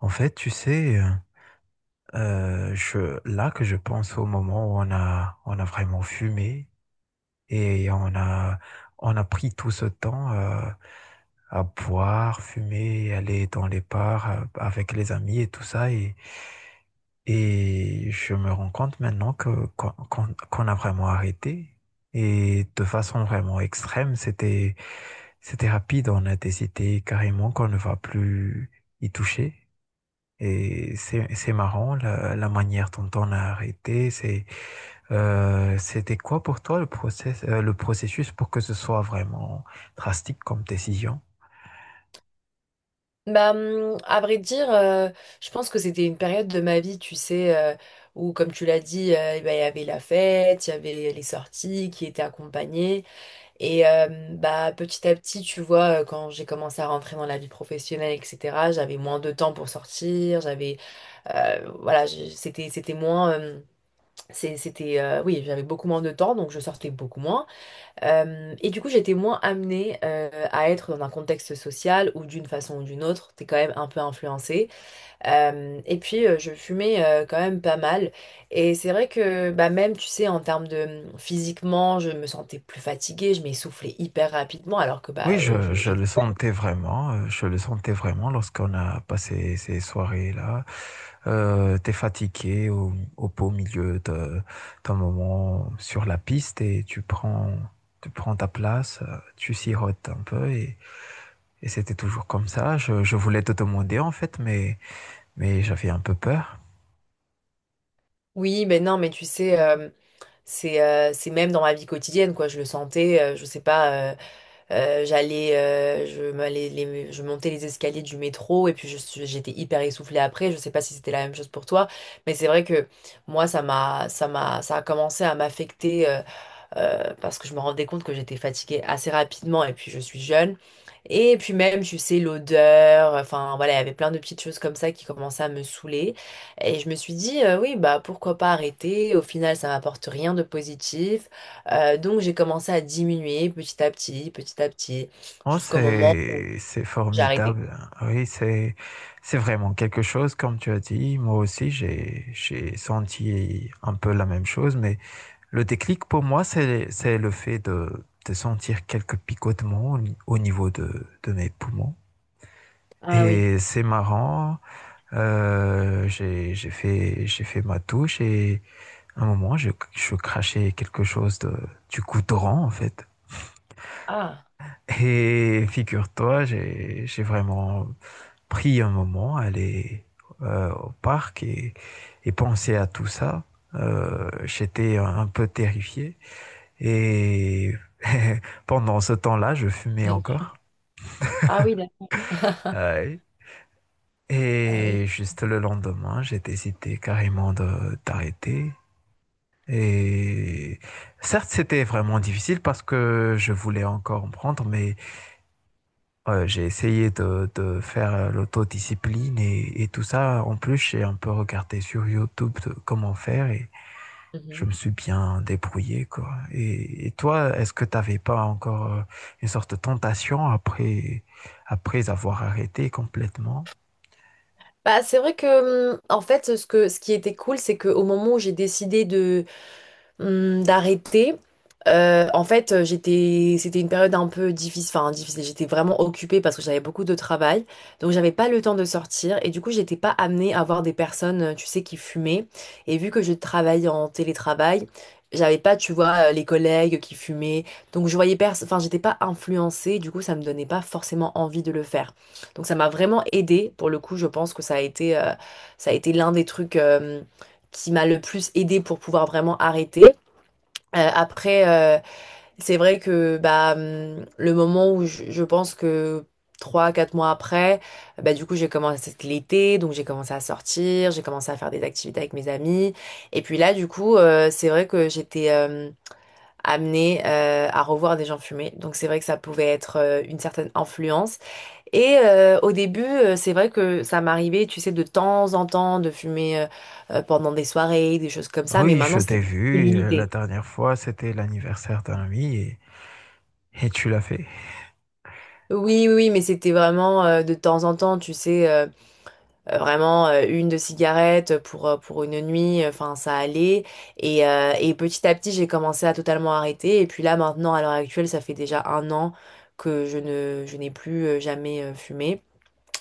En fait, tu sais, je là que je pense au moment où on a vraiment fumé et on a pris tout ce temps, à boire, fumer, aller dans les bars, avec les amis et tout ça et je me rends compte maintenant que qu'on qu'on qu'on a vraiment arrêté et de façon vraiment extrême. C'était rapide en intensité, carrément qu'on ne va plus y toucher. Et c'est marrant la manière dont on a arrêté. C'était quoi pour toi le process, le processus pour que ce soit vraiment drastique comme décision? Bah, à vrai dire, je pense que c'était une période de ma vie, tu sais, où, comme tu l'as dit, eh ben, il y avait la fête, il y avait les sorties qui étaient accompagnées. Et bah, petit à petit, tu vois, quand j'ai commencé à rentrer dans la vie professionnelle, etc., j'avais moins de temps pour sortir, j'avais, voilà, c'était moins, c'était, oui, j'avais beaucoup moins de temps, donc je sortais beaucoup moins. Et du coup, j'étais moins amenée à être dans un contexte social ou d'une façon ou d'une autre, t'es quand même un peu influencée. Et puis, je fumais quand même pas mal. Et c'est vrai que bah, même, tu sais, en termes de physiquement, je me sentais plus fatiguée, je m'essoufflais hyper rapidement alors que Oui, bah, je j'étais... le sentais vraiment. Je le sentais vraiment lorsqu'on a passé ces soirées-là. T'es fatigué au beau milieu de, d'un moment sur la piste et tu prends ta place, tu sirotes un peu et c'était toujours comme ça. Je voulais te demander en fait, mais j'avais un peu peur. Oui, mais non, mais tu sais, c'est même dans ma vie quotidienne, quoi. Je le sentais, je sais pas, j'allais, je, m'allais les- je montais les escaliers du métro et puis j'étais hyper essoufflée après. Je sais pas si c'était la même chose pour toi, mais c'est vrai que moi, ça a commencé à m'affecter parce que je me rendais compte que j'étais fatiguée assez rapidement et puis je suis jeune. Et puis même, tu sais, l'odeur, enfin voilà, il y avait plein de petites choses comme ça qui commençaient à me saouler. Et je me suis dit, oui, bah pourquoi pas arrêter? Au final, ça m'apporte rien de positif. Donc j'ai commencé à diminuer petit à petit, Oh, jusqu'au moment où c'est j'ai arrêté. formidable. Oui, c'est vraiment quelque chose, comme tu as dit. Moi aussi, j'ai senti un peu la même chose, mais le déclic pour moi, c'est le fait de sentir quelques picotements au, ni- au niveau de mes poumons. Ah oui. Et c'est marrant, j'ai fait ma touche et à un moment, je crachais quelque chose de, du goudron, en fait. Ah. Et figure-toi, j'ai vraiment pris un moment, aller au parc et penser à tout ça. J'étais un peu terrifié. Et pendant ce temps-là, je fumais encore. Ah oui, d'accord. Euh, Ah oui. et juste le lendemain, j'ai hésité carrément d'arrêter. Et certes, c'était vraiment difficile parce que je voulais encore en prendre, mais ouais, j'ai essayé de faire l'autodiscipline et tout ça. En plus, j'ai un peu regardé sur YouTube de comment faire et je me Mhm. suis bien débrouillé, quoi. Et toi, est-ce que t'avais pas encore une sorte de tentation après, après avoir arrêté complètement? Bah, c'est vrai que, en fait, ce qui était cool, c'est qu'au moment où j'ai décidé d'arrêter. En fait, c'était une période un peu difficile, enfin difficile. J'étais vraiment occupée parce que j'avais beaucoup de travail, donc j'avais pas le temps de sortir et du coup, j'étais pas amenée à voir des personnes, tu sais, qui fumaient. Et vu que je travaille en télétravail, j'avais pas, tu vois, les collègues qui fumaient, donc je voyais personne. Enfin, j'étais pas influencée. Du coup, ça me donnait pas forcément envie de le faire. Donc, ça m'a vraiment aidée. Pour le coup, je pense que ça a été l'un des trucs, qui m'a le plus aidée pour pouvoir vraiment arrêter. Après, c'est vrai que bah, le moment où je pense que 3, 4 mois après, bah, du coup, j'ai commencé c'était l'été, donc j'ai commencé à sortir, j'ai commencé à faire des activités avec mes amis. Et puis là, du coup, c'est vrai que j'étais amenée à revoir des gens fumer. Donc c'est vrai que ça pouvait être une certaine influence. Et au début, c'est vrai que ça m'arrivait, tu sais, de temps en temps de fumer pendant des soirées, des choses comme ça, mais Oui, je maintenant, c'était t'ai vu la limité. dernière fois, c'était l'anniversaire d'un ami et tu l'as fait. Oui, oui, oui, mais c'était vraiment de temps en temps, tu sais, vraiment une de cigarettes pour une nuit, enfin ça allait. Et petit à petit, j'ai commencé à totalement arrêter. Et puis là, maintenant, à l'heure actuelle, ça fait déjà 1 an que je n'ai plus jamais fumé.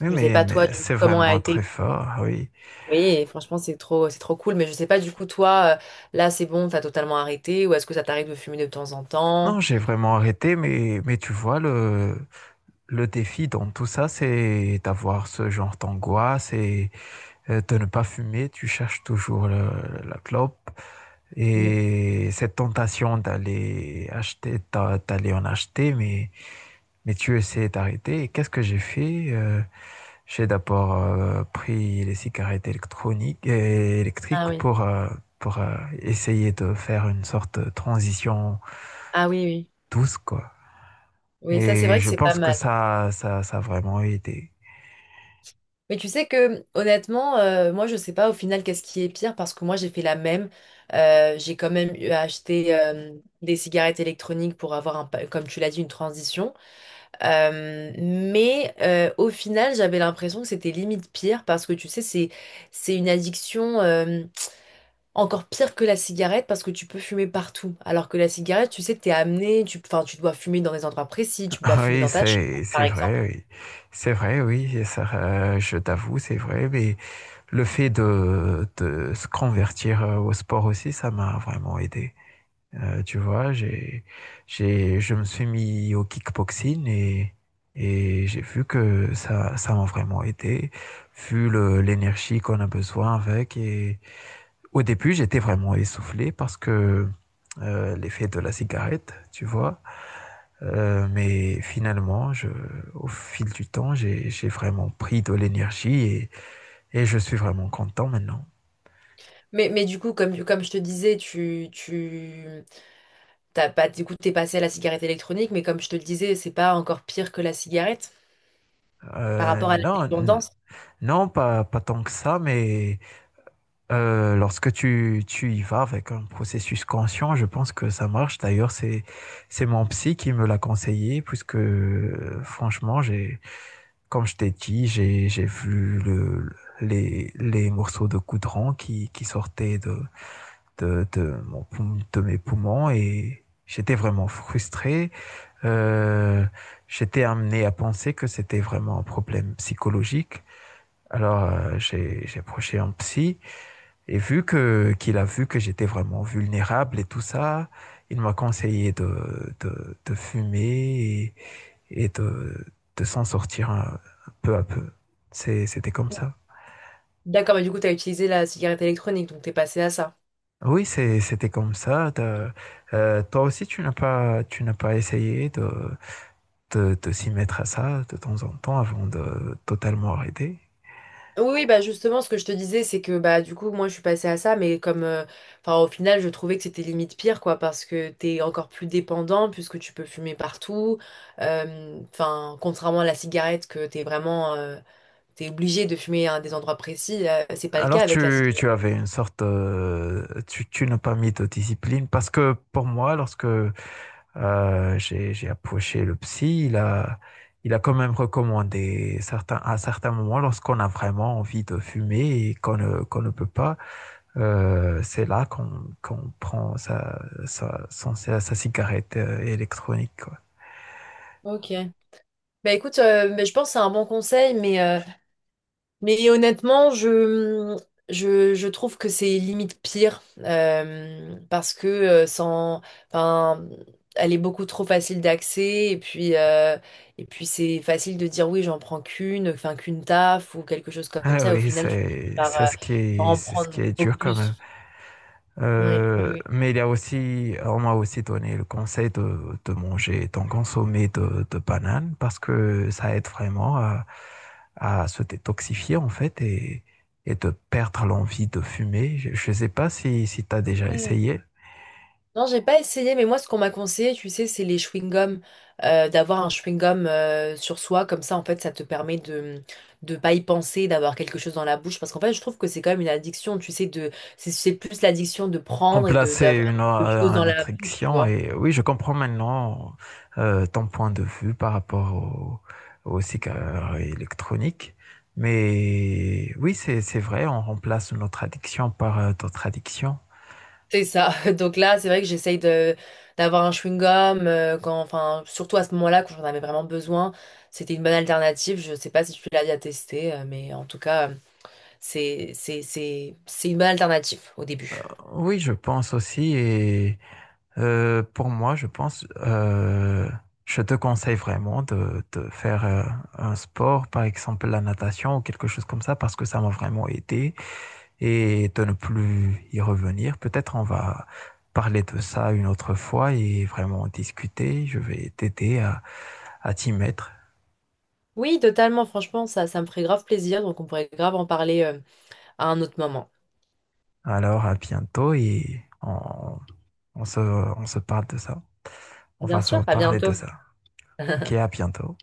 Oui, Je sais pas toi, mais du coup, c'est comment a vraiment très été. fort, oui. Oui, et franchement, c'est trop cool. Mais je sais pas, du coup, toi, là, c'est bon, t'as totalement arrêté, ou est-ce que ça t'arrive de fumer de temps en Non, temps? j'ai vraiment arrêté, mais tu vois, le défi dans tout ça, c'est d'avoir ce genre d'angoisse et de ne pas fumer. Tu cherches toujours la clope Mm. et cette tentation d'aller acheter, d'aller en acheter, mais tu essaies d'arrêter. Et qu'est-ce que j'ai fait? J'ai d'abord pris les cigarettes électroniques et Ah électriques oui. pour, essayer de faire une sorte de transition Ah oui, oui. douce, quoi. Oui, ça, c'est Et vrai que je c'est pas pense que mal. Ça a vraiment aidé. Mais tu sais que honnêtement, moi je sais pas au final qu'est-ce qui est pire parce que moi j'ai fait la même. J'ai quand même eu à acheter des cigarettes électroniques pour avoir comme tu l'as dit, une transition. Mais au final, j'avais l'impression que c'était limite pire parce que tu sais, c'est une addiction encore pire que la cigarette parce que tu peux fumer partout. Alors que la cigarette, tu sais, enfin, tu dois fumer dans des endroits précis, tu peux pas fumer Oui, dans ta chambre, par c'est exemple. vrai, oui. C'est vrai, oui, et ça, je t'avoue, c'est vrai, mais le fait de se convertir au sport aussi, ça m'a vraiment aidé. Tu vois, je me suis mis au kickboxing et j'ai vu que ça m'a vraiment aidé, vu l'énergie qu'on a besoin avec. Et au début, j'étais vraiment essoufflé parce que l'effet de la cigarette, tu vois. Mais finalement, au fil du temps, j'ai vraiment pris de l'énergie et je suis vraiment content maintenant. Mais du coup, comme je te disais, tu t'as pas, du coup, t'es passé à la cigarette électronique, mais comme je te le disais, c'est pas encore pire que la cigarette par Euh, rapport à la non, n- dépendance. non, pas tant que ça, mais lorsque tu y vas avec un processus conscient, je pense que ça marche. D'ailleurs, c'est mon psy qui me l'a conseillé, puisque franchement, comme je t'ai dit, j'ai vu les morceaux de goudron qui sortaient de, de, mon, de mes poumons et j'étais vraiment frustré. Euh, J'étais amené à penser que c'était vraiment un problème psychologique. Alors j'ai approché un psy et vu que qu'il a vu que j'étais vraiment vulnérable et tout ça, il m'a conseillé de fumer et de s'en sortir peu à peu. C'était comme ça. D'accord, mais du coup, t'as utilisé la cigarette électronique, donc t'es passé à ça. Oui, c'était comme ça. Toi aussi, tu n'as pas essayé de, te s'y mettre à ça de temps en temps avant de totalement arrêter. Oui, oui, bah justement, ce que je te disais, c'est que bah du coup, moi, je suis passée à ça, enfin, au final, je trouvais que c'était limite pire, quoi, parce que t'es encore plus dépendant puisque tu peux fumer partout. Enfin, contrairement à la cigarette, que t'es obligé de fumer à des endroits précis, là, c'est pas le Alors cas avec la cigarette. tu avais une sorte, tu n'as pas mis de discipline parce que pour moi, lorsque j'ai approché le psy, il a quand même recommandé certains, à certains moments, lorsqu'on a vraiment envie de fumer et qu'on ne peut pas, c'est là qu'on prend sa cigarette électronique, quoi. Ok. Bah écoute, mais je pense que c'est un bon conseil, mais honnêtement, je trouve que c'est limite pire parce que sans, enfin, elle est beaucoup trop facile d'accès et puis c'est facile de dire oui, j'en prends qu'une, enfin qu'une taf ou quelque chose comme Ah ça. Et au oui, final, tu finis par, euh, par en c'est ce qui prendre est dur beaucoup quand plus. même. Oui, oui, Mais il y a aussi, on m'a aussi donné le conseil de manger, d'en consommer de bananes parce que ça aide vraiment à se détoxifier en fait et de perdre l'envie de fumer. Je ne sais pas si tu as déjà oui. essayé. Non, j'ai pas essayé, mais moi, ce qu'on m'a conseillé, tu sais, c'est les chewing-gums, d'avoir un chewing-gum sur soi, comme ça, en fait, ça te permet de pas y penser, d'avoir quelque chose dans la bouche, parce qu'en fait, je trouve que c'est quand même une addiction, tu sais, de c'est plus l'addiction de prendre et de Remplacer d'avoir quelque chose dans une la bouche, tu attraction vois. et oui, je comprends maintenant ton point de vue par rapport aux cigares électroniques. Mais oui, c'est vrai, on remplace notre addiction par d'autres addictions. C'est ça. Donc là, c'est vrai que j'essaye de d'avoir un chewing-gum quand, enfin, surtout à ce moment-là, quand j'en avais vraiment besoin, c'était une bonne alternative. Je sais pas si tu l'as déjà testé, mais en tout cas. C'est une bonne alternative au Euh, début. oui, je pense aussi. Pour moi, je te conseille vraiment de faire un sport, par exemple la natation ou quelque chose comme ça, parce que ça m'a vraiment aidé et de ne plus y revenir. Peut-être on va parler de ça une autre fois et vraiment discuter. Je vais t'aider à t'y mettre. Oui, totalement, franchement, ça me ferait grave plaisir, donc on pourrait grave en parler à un autre moment. Alors, à bientôt et on, on se parle de ça. On va Bien se sûr, à reparler de bientôt. ça. Ok, à bientôt.